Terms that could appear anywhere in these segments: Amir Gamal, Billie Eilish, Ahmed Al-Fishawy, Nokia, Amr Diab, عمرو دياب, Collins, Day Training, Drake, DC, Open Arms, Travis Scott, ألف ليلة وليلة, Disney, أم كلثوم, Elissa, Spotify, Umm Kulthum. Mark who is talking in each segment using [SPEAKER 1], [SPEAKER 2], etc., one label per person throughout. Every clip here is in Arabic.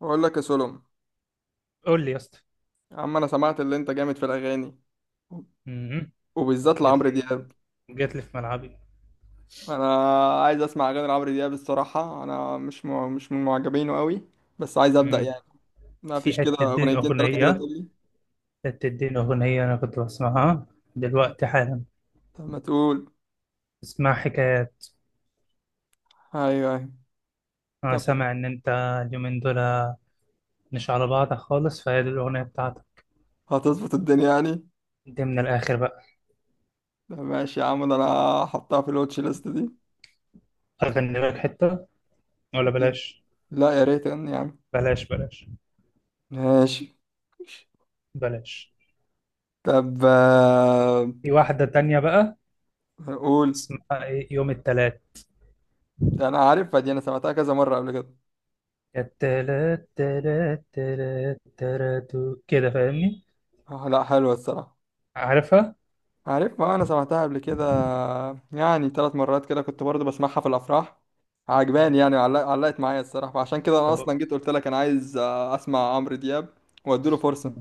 [SPEAKER 1] بقول لك يا سولم.
[SPEAKER 2] قول لي يا اسطى.
[SPEAKER 1] يا عم انا سمعت اللي انت جامد في الاغاني،
[SPEAKER 2] مهم.
[SPEAKER 1] وبالذات
[SPEAKER 2] جات
[SPEAKER 1] لعمرو
[SPEAKER 2] لي
[SPEAKER 1] دياب.
[SPEAKER 2] جات لي في ملعبي.
[SPEAKER 1] انا عايز اسمع اغاني لعمرو دياب الصراحه، انا مش من معجبينه قوي، بس عايز ابدا
[SPEAKER 2] مم.
[SPEAKER 1] يعني. ما
[SPEAKER 2] في
[SPEAKER 1] فيش كده
[SPEAKER 2] حتة دين
[SPEAKER 1] اغنيتين ثلاثه كده
[SPEAKER 2] أغنية
[SPEAKER 1] تقول لي؟
[SPEAKER 2] حتة دين أغنية أنا كنت بسمعها دلوقتي حالا.
[SPEAKER 1] طب ما تقول.
[SPEAKER 2] اسمها حكايات.
[SPEAKER 1] ايوه ايوه.
[SPEAKER 2] أنا
[SPEAKER 1] طب
[SPEAKER 2] سامع إن أنت اليومين دول مش على بعضك خالص، فهي دي الأغنية بتاعتك.
[SPEAKER 1] هتظبط الدنيا يعني؟
[SPEAKER 2] دي من الآخر بقى.
[SPEAKER 1] طب ماشي يا عم، ده انا هحطها في الواتش ليست دي.
[SPEAKER 2] أغني لك حتة ولا بلاش؟
[SPEAKER 1] لا يا ريت يعني يا عم.
[SPEAKER 2] بلاش، بلاش،
[SPEAKER 1] ماشي.
[SPEAKER 2] بلاش.
[SPEAKER 1] طب
[SPEAKER 2] في واحدة تانية بقى
[SPEAKER 1] قول.
[SPEAKER 2] اسمها إيه، يوم التلات.
[SPEAKER 1] ده انا عارفها دي، انا سمعتها كذا مره قبل كده.
[SPEAKER 2] يا التلات تلات تلات تلات، كده فاهمني؟
[SPEAKER 1] لا حلوة الصراحة.
[SPEAKER 2] عارفها؟
[SPEAKER 1] عارف، ما انا سمعتها قبل كده، يعني ثلاث مرات كده كنت برضو بسمعها في الافراح. عجباني
[SPEAKER 2] مم.
[SPEAKER 1] يعني علقت معايا الصراحة، فعشان كده انا
[SPEAKER 2] طب
[SPEAKER 1] اصلا جيت قلت لك انا عايز اسمع عمرو دياب واديله فرصة.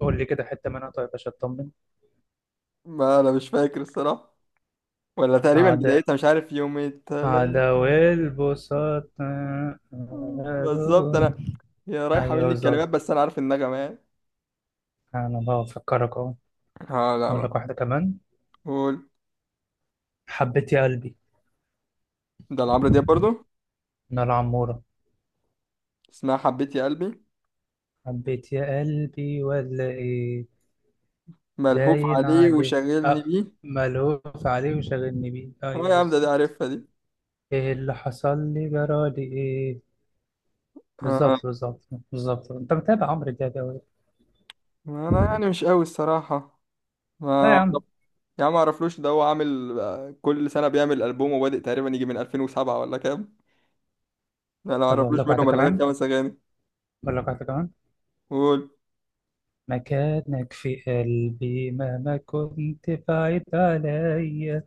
[SPEAKER 2] قول لي كده حتة منها طيب عشان أطمن.
[SPEAKER 1] ما انا مش فاكر الصراحة، ولا تقريبا
[SPEAKER 2] أعداء،
[SPEAKER 1] بدايتها مش عارف، يوم التلات
[SPEAKER 2] أعداء والبساط.
[SPEAKER 1] بالظبط. انا هي رايحة
[SPEAKER 2] أيوه
[SPEAKER 1] مني
[SPEAKER 2] بالظبط.
[SPEAKER 1] الكلمات بس انا عارف النغمة يعني.
[SPEAKER 2] أنا بفكرك أهو.
[SPEAKER 1] اه لا
[SPEAKER 2] أقول
[SPEAKER 1] ما.
[SPEAKER 2] لك واحدة كمان.
[SPEAKER 1] قول.
[SPEAKER 2] حبيت يا قلبي،
[SPEAKER 1] ده لعمرو دياب برضو؟
[SPEAKER 2] من العمورة.
[SPEAKER 1] اسمها حبيت يا قلبي.
[SPEAKER 2] حبيت يا قلبي ولا إيه؟
[SPEAKER 1] ملهوف
[SPEAKER 2] باين
[SPEAKER 1] عليه
[SPEAKER 2] عليه،
[SPEAKER 1] وشاغلني
[SPEAKER 2] أه.
[SPEAKER 1] بيه.
[SPEAKER 2] ملهوف عليه وشاغلني بيه،
[SPEAKER 1] اه
[SPEAKER 2] أيوه
[SPEAKER 1] يا عم ده دي
[SPEAKER 2] بالظبط.
[SPEAKER 1] عارفها دي.
[SPEAKER 2] إيه اللي حصل لي، جرالي إيه.
[SPEAKER 1] آه.
[SPEAKER 2] بالظبط، بالظبط، بالظبط، أنت متابع عمرو دياب أوي.
[SPEAKER 1] ما انا يعني مش قوي الصراحة.
[SPEAKER 2] لا
[SPEAKER 1] ما
[SPEAKER 2] يا عم.
[SPEAKER 1] يا عم معرفلوش ده، هو عامل كل سنة بيعمل ألبوم، وبادئ تقريبا يجي من 2007 ولا كام. لا انا
[SPEAKER 2] طب أقول
[SPEAKER 1] معرفلوش
[SPEAKER 2] لك واحدة
[SPEAKER 1] منهم الا غير
[SPEAKER 2] كمان
[SPEAKER 1] خمس اغاني.
[SPEAKER 2] أقول لك واحدة كمان.
[SPEAKER 1] قول.
[SPEAKER 2] مكانك في قلبي مهما كنت بعيد عليا.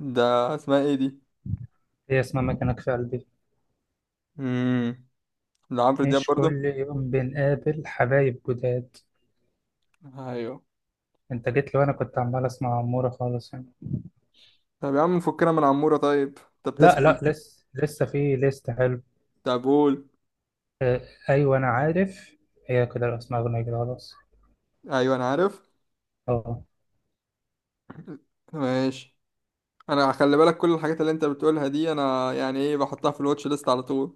[SPEAKER 1] ده اسمها ايه دي؟
[SPEAKER 2] هي اسمها مكانك في قلبي.
[SPEAKER 1] امم. ده عمرو دياب
[SPEAKER 2] مش
[SPEAKER 1] برضه؟
[SPEAKER 2] كل يوم بنقابل حبايب جداد.
[SPEAKER 1] ايوه.
[SPEAKER 2] انت جيت لي وانا كنت عمال اسمع عمورة خالص يعني.
[SPEAKER 1] طب يا عم فكنا من عمورة طيب. طب
[SPEAKER 2] لا
[SPEAKER 1] تسمع؟
[SPEAKER 2] لا، لسه لسه في ليست حلو.
[SPEAKER 1] طب قول.
[SPEAKER 2] اه، ايوه انا عارف. هي كده الاسماء، اغنية كده خلاص.
[SPEAKER 1] ايوه انا عارف.
[SPEAKER 2] اه،
[SPEAKER 1] ماشي. انا خلي بالك، كل الحاجات اللي انت بتقولها دي انا يعني ايه بحطها في الواتش ليست على طول.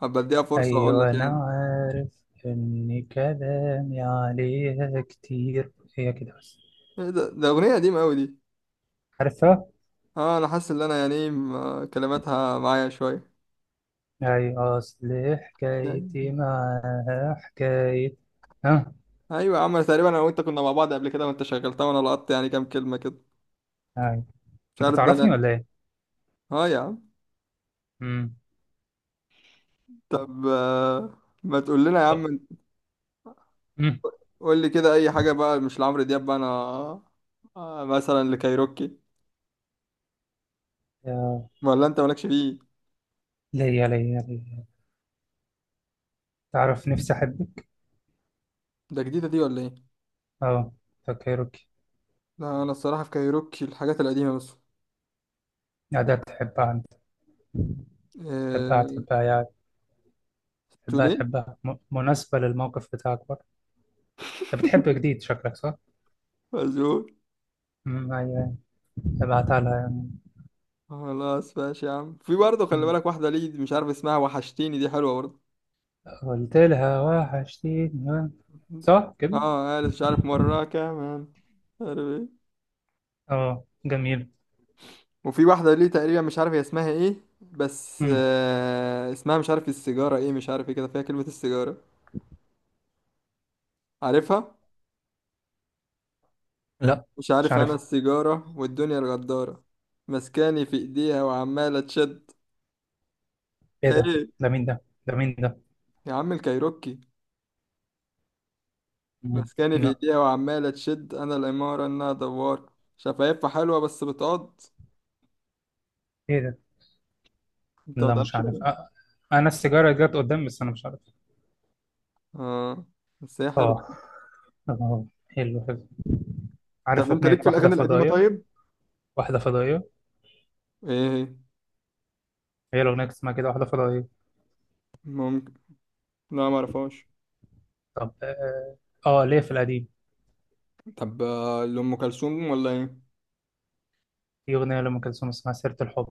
[SPEAKER 1] هبقى اديها فرصة واقول
[SPEAKER 2] ايوه
[SPEAKER 1] لك
[SPEAKER 2] انا
[SPEAKER 1] يعني.
[SPEAKER 2] عارف ان كلامي عليها كتير. هي كده بس.
[SPEAKER 1] ايه ده؟ ده اغنية قديمة قوي دي.
[SPEAKER 2] عارفها.
[SPEAKER 1] اه انا حاسس ان انا يعني كلماتها معايا شويه
[SPEAKER 2] أي أصل
[SPEAKER 1] يعني.
[SPEAKER 2] حكايتي معاها حكاية. ها.
[SPEAKER 1] ايوه يا عم، تقريبا انا وانت كنا مع بعض قبل كده وانت شغلتها وانا لقطت يعني كام كلمه كده.
[SPEAKER 2] أي.
[SPEAKER 1] مش
[SPEAKER 2] أنت
[SPEAKER 1] عارف، ده
[SPEAKER 2] تعرفني
[SPEAKER 1] انا.
[SPEAKER 2] ولا إيه؟
[SPEAKER 1] اه يا عم.
[SPEAKER 2] أمم.
[SPEAKER 1] طب ما تقول لنا يا
[SPEAKER 2] أه،
[SPEAKER 1] عم.
[SPEAKER 2] أمم.
[SPEAKER 1] قول لي كده اي حاجه بقى، مش لعمرو دياب بقى انا. مثلا لكايروكي؟
[SPEAKER 2] يا
[SPEAKER 1] ولا انت مالكش فيه؟
[SPEAKER 2] ليا ليا ليا، تعرف نفسي أحبك؟
[SPEAKER 1] ده جديدة دي ولا ايه؟
[SPEAKER 2] أه، فكرك.
[SPEAKER 1] لا انا الصراحه في كايروكي الحاجات القديمه بس.
[SPEAKER 2] يا ده تحبها أنت. تحبها
[SPEAKER 1] آه،
[SPEAKER 2] تحبها يا، تحبها
[SPEAKER 1] توليه.
[SPEAKER 2] تحبها، مناسبة للموقف بتاعك برضه. أنت بتحب جديد، شكلك صح؟
[SPEAKER 1] مزول.
[SPEAKER 2] أمم، أيوه. ابعتها لها يعني.
[SPEAKER 1] خلاص ماشي يا عم. في برضه خلي
[SPEAKER 2] أمم.
[SPEAKER 1] بالك، واحده ليه مش عارف اسمها، وحشتيني دي حلوه برضه.
[SPEAKER 2] قلت لها وحشتيني، صح كده؟
[SPEAKER 1] اه قالت مش عارف مرة كمان، مش عارف ايه.
[SPEAKER 2] أه جميل.
[SPEAKER 1] وفي واحدة ليه تقريبا، مش عارف هي اسمها ايه، بس
[SPEAKER 2] أمم.
[SPEAKER 1] آه اسمها مش عارف السيجارة ايه، مش عارف ايه كده فيها كلمة السيجارة. عارفها؟
[SPEAKER 2] لا.
[SPEAKER 1] مش
[SPEAKER 2] مش
[SPEAKER 1] عارف انا،
[SPEAKER 2] عارف.
[SPEAKER 1] السيجارة والدنيا الغدارة، مسكاني في ايديها وعمالة تشد.
[SPEAKER 2] ايه ده؟
[SPEAKER 1] ايه
[SPEAKER 2] ده مين ده؟ ده مين ده؟
[SPEAKER 1] يا عم الكايروكي.
[SPEAKER 2] مم.
[SPEAKER 1] مسكاني في
[SPEAKER 2] لا.
[SPEAKER 1] ايديها وعمالة تشد، انا الامارة انها دوارة، شفايفها حلوة بس بتقض.
[SPEAKER 2] ايه ده؟
[SPEAKER 1] انت ما
[SPEAKER 2] لا مش
[SPEAKER 1] تعرفش
[SPEAKER 2] عارف،
[SPEAKER 1] إيه؟
[SPEAKER 2] انا السيجاره جت قدام بس انا مش عارف.
[SPEAKER 1] اه. بس هي حلوة.
[SPEAKER 2] اه. اه، حلو حلو.
[SPEAKER 1] طب
[SPEAKER 2] عارف
[SPEAKER 1] انت
[SPEAKER 2] اغنيه
[SPEAKER 1] ليك في
[SPEAKER 2] واحده
[SPEAKER 1] الاغاني القديمة
[SPEAKER 2] فضائيه.
[SPEAKER 1] طيب؟
[SPEAKER 2] واحده فضائيه.
[SPEAKER 1] ايه هي؟
[SPEAKER 2] هي الاغنيه اللي اسمها كده واحده فضائيه.
[SPEAKER 1] ممكن. لا ما اعرفهاش.
[SPEAKER 2] طب اه. ليه، في القديم.
[SPEAKER 1] طب لأم كلثوم ولا ايه؟
[SPEAKER 2] في اغنيه لام كلثوم اسمها سيره الحب.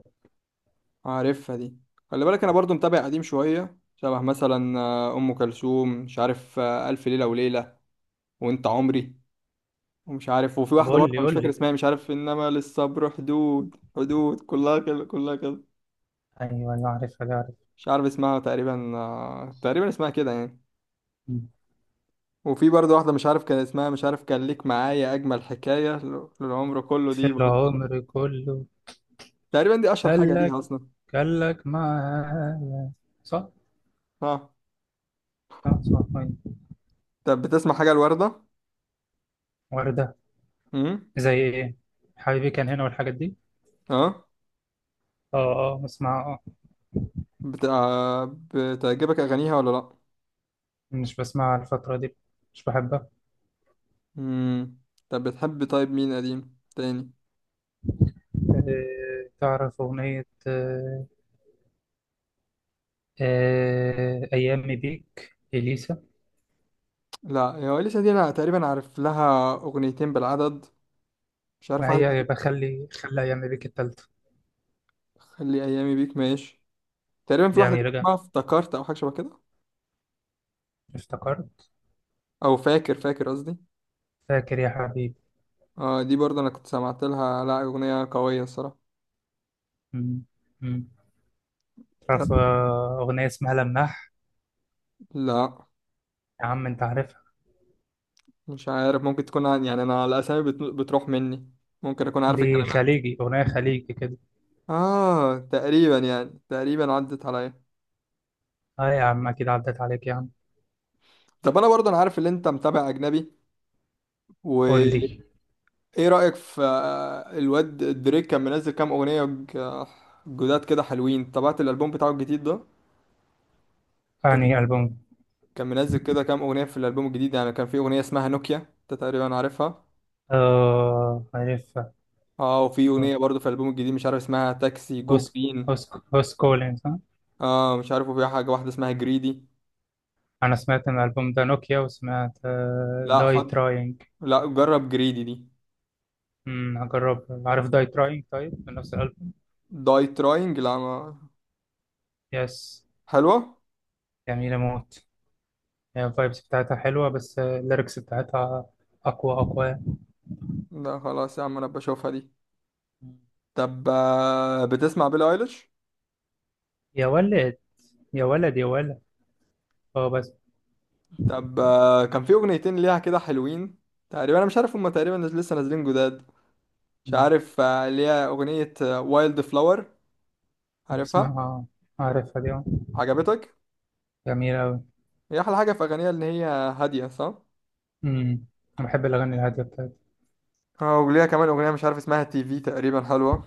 [SPEAKER 1] عارفها دي. خلي بالك انا برضو متابع قديم شوية، شبه مثلا ام كلثوم مش عارف الف ليلة وليلة وانت عمري. ومش عارف، وفي
[SPEAKER 2] طب
[SPEAKER 1] واحدة
[SPEAKER 2] قول
[SPEAKER 1] برضه
[SPEAKER 2] لي
[SPEAKER 1] أنا مش
[SPEAKER 2] قول
[SPEAKER 1] فاكر
[SPEAKER 2] لي
[SPEAKER 1] اسمها، مش عارف انما للصبر حدود، حدود كلها كده كلها كده.
[SPEAKER 2] ايوه انا عارفها دي، عارف.
[SPEAKER 1] مش عارف اسمها تقريبا، تقريبا اسمها كده يعني.
[SPEAKER 2] مم.
[SPEAKER 1] وفي برضه واحدة مش عارف كان اسمها، مش عارف كان ليك معايا أجمل حكاية للعمر كله،
[SPEAKER 2] في
[SPEAKER 1] دي برضه
[SPEAKER 2] العمر كله.
[SPEAKER 1] تقريبا دي أشهر
[SPEAKER 2] قال
[SPEAKER 1] حاجة
[SPEAKER 2] لك
[SPEAKER 1] ليها أصلا.
[SPEAKER 2] قال لك معايا. صح.
[SPEAKER 1] ها.
[SPEAKER 2] صح، صح، أيوة.
[SPEAKER 1] طب بتسمع حاجة الوردة؟
[SPEAKER 2] وردة.
[SPEAKER 1] امم.
[SPEAKER 2] زي ايه؟ حبيبي كان هنا والحاجات دي.
[SPEAKER 1] اه.
[SPEAKER 2] اه. اه بسمع، اه.
[SPEAKER 1] بتاع. بتعجبك اغانيها ولا لا؟
[SPEAKER 2] مش بسمع الفترة دي. مش بحبها.
[SPEAKER 1] امم. طب بتحب طيب مين قديم تاني؟
[SPEAKER 2] تعرف أغنية، أيامي بيك إليسا.
[SPEAKER 1] لا هو لسه دي انا تقريبا عارف لها اغنيتين بالعدد. مش عارف
[SPEAKER 2] ما
[SPEAKER 1] واحده
[SPEAKER 2] هي
[SPEAKER 1] تانية.
[SPEAKER 2] بخلي، خلي خلي أيامي بيك التالتة.
[SPEAKER 1] خلي ايامي بيك ماشي. تقريبا في
[SPEAKER 2] دي
[SPEAKER 1] واحده
[SPEAKER 2] أميرة جمال.
[SPEAKER 1] اسمها افتكرت او حاجه شبه كده،
[SPEAKER 2] افتكرت.
[SPEAKER 1] او فاكر، فاكر قصدي.
[SPEAKER 2] فاكر يا حبيبي.
[SPEAKER 1] اه دي برضه انا كنت سمعت لها، لا اغنيه قويه الصراحه.
[SPEAKER 2] مم، مم.
[SPEAKER 1] طب.
[SPEAKER 2] تعرف أغنية اسمها لماح.
[SPEAKER 1] لا
[SPEAKER 2] يا عم أنت عارفها.
[SPEAKER 1] مش عارف، ممكن تكون يعني انا الاسامي بتروح مني، ممكن اكون عارف
[SPEAKER 2] دي
[SPEAKER 1] الكلمات.
[SPEAKER 2] خليجي، أغنية خليجي كده.
[SPEAKER 1] اه تقريبا يعني، تقريبا عدت عليا.
[SPEAKER 2] اه يا عم أكيد عدت عليك يا عم.
[SPEAKER 1] طب انا برضه انا عارف ان انت متابع اجنبي.
[SPEAKER 2] قول
[SPEAKER 1] وايه
[SPEAKER 2] لي.
[SPEAKER 1] رايك في الواد دريك؟ كان منزل كام اغنيه جداد كده حلوين؟ تابعت الالبوم بتاعه الجديد ده؟ تت-
[SPEAKER 2] أنهي ألبوم؟
[SPEAKER 1] كان منزل كده كام اغنيه في الالبوم الجديد يعني. كان في اغنيه اسمها نوكيا، انت تقريبا عارفها.
[SPEAKER 2] اه عارفها.
[SPEAKER 1] اه. وفي
[SPEAKER 2] آه،
[SPEAKER 1] اغنيه برضه في الالبوم الجديد مش عارف اسمها تاكسي جو
[SPEAKER 2] هوس،
[SPEAKER 1] جرين.
[SPEAKER 2] هوس كولينز.
[SPEAKER 1] اه مش عارف. وفي حاجه واحده اسمها جريدي.
[SPEAKER 2] انا سمعت ان الالبوم ده نوكيا، وسمعت
[SPEAKER 1] لا
[SPEAKER 2] داي
[SPEAKER 1] حط.
[SPEAKER 2] تراينج.
[SPEAKER 1] لا جرب جريدي دي.
[SPEAKER 2] هجرب. عارف داي تراينج طيب، من نفس الالبوم.
[SPEAKER 1] داي تراينج لا ما...
[SPEAKER 2] يس.
[SPEAKER 1] حلوه.
[SPEAKER 2] جميله موت. هي الفايبس بتاعتها حلوه، بس الليركس بتاعتها اقوى اقوى.
[SPEAKER 1] لا خلاص يا عم انا بشوفها دي.
[SPEAKER 2] مم.
[SPEAKER 1] طب بتسمع بيلي ايليش؟
[SPEAKER 2] يا ولد، يا ولد، يا ولد. اه بس.
[SPEAKER 1] طب كان في اغنيتين ليها كده حلوين. تقريبا انا مش عارف هما تقريبا لسه نازلين جداد. مش
[SPEAKER 2] مم.
[SPEAKER 1] عارف ليها اغنية وايلد فلاور. عارفها؟
[SPEAKER 2] بسمعها. عارفها دي، آه.
[SPEAKER 1] عجبتك؟
[SPEAKER 2] جميله قوي.
[SPEAKER 1] هي احلى حاجة في اغانيها ان هي هادية، صح؟
[SPEAKER 2] انا بحب الاغاني الهاديه بتاعت.
[SPEAKER 1] اه وليها كمان اغنية مش عارف اسمها تي في، تقريبا حلوة.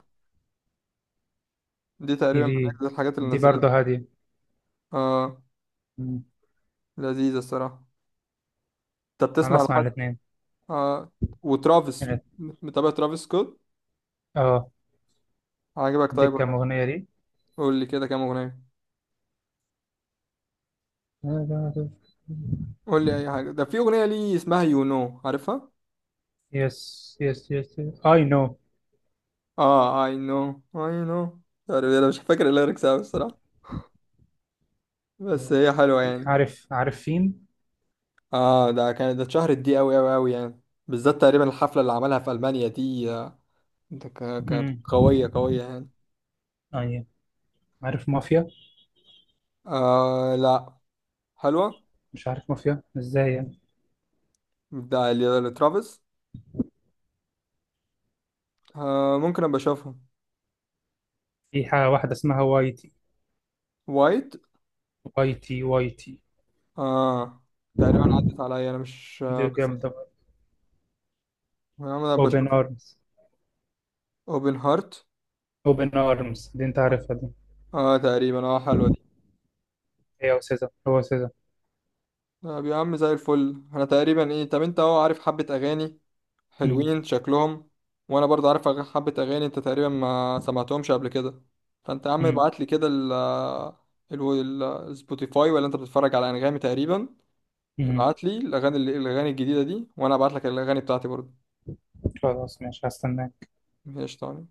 [SPEAKER 1] دي
[SPEAKER 2] تي
[SPEAKER 1] تقريبا من
[SPEAKER 2] في.
[SPEAKER 1] اجل الحاجات اللي
[SPEAKER 2] دي
[SPEAKER 1] نزلتها.
[SPEAKER 2] برضه هاديه.
[SPEAKER 1] اه.
[SPEAKER 2] مم.
[SPEAKER 1] لذيذة الصراحة. انت
[SPEAKER 2] انا
[SPEAKER 1] بتسمع
[SPEAKER 2] بسمع
[SPEAKER 1] لحد؟
[SPEAKER 2] الاثنين.
[SPEAKER 1] اه. وترافيس. متابع ترافيس سكوت؟
[SPEAKER 2] اه.
[SPEAKER 1] عجبك
[SPEAKER 2] دي
[SPEAKER 1] طيب ولا
[SPEAKER 2] كام
[SPEAKER 1] إيه؟
[SPEAKER 2] اغنيه؟
[SPEAKER 1] قول لي كده كام اغنية؟
[SPEAKER 2] دي.
[SPEAKER 1] قول لي اي حاجة، ده في اغنية ليه اسمها يو نو، عارفها؟
[SPEAKER 2] يس، يس، يس. اي نو.
[SPEAKER 1] اه اي نو، اي نو. انا مش فاكر الليركس قوي الصراحه، بس هي حلوه يعني.
[SPEAKER 2] عارف، عارف فين.
[SPEAKER 1] اه ده كانت ده اتشهرت دي قوي قوي قوي يعني، بالذات تقريبا الحفله اللي عملها في المانيا دي. ده كانت
[SPEAKER 2] امم.
[SPEAKER 1] قويه قويه يعني.
[SPEAKER 2] اي. عارف مافيا.
[SPEAKER 1] آه لا حلوه.
[SPEAKER 2] مش عارف مافيا ازاي يعني.
[SPEAKER 1] ده لترافيس. آه ممكن ابقى اشوفها.
[SPEAKER 2] في حاجه واحده اسمها واي تي.
[SPEAKER 1] وايت.
[SPEAKER 2] واي تي، واي تي.
[SPEAKER 1] اه تقريبا عدت عليا انا مش
[SPEAKER 2] دي
[SPEAKER 1] آه بس.
[SPEAKER 2] جامده.
[SPEAKER 1] انا ابقى
[SPEAKER 2] اوبن
[SPEAKER 1] اشوفها.
[SPEAKER 2] ارمز.
[SPEAKER 1] اوبن هارت.
[SPEAKER 2] اوبن ارمز دي، انت عارفها دي.
[SPEAKER 1] اه تقريبا اه حلوه دي.
[SPEAKER 2] هي وسيزا، هو سيزا.
[SPEAKER 1] طب يا عم زي الفل. انا تقريبا ايه، طب انت اهو عارف حبة اغاني
[SPEAKER 2] امم.
[SPEAKER 1] حلوين شكلهم، وانا برضه عارف حبة اغاني انت تقريبا ما سمعتهمش قبل كده. فانت يا عم
[SPEAKER 2] امم.
[SPEAKER 1] ابعت لي كده ال السبوتيفاي، ولا انت بتتفرج على انغامي تقريبا؟
[SPEAKER 2] امم.
[SPEAKER 1] ابعت لي الاغاني الاغاني الجديدة دي، وانا ابعت لك الاغاني بتاعتي برضه.
[SPEAKER 2] خلاص ماشي، هستناك.
[SPEAKER 1] ماشي تمام.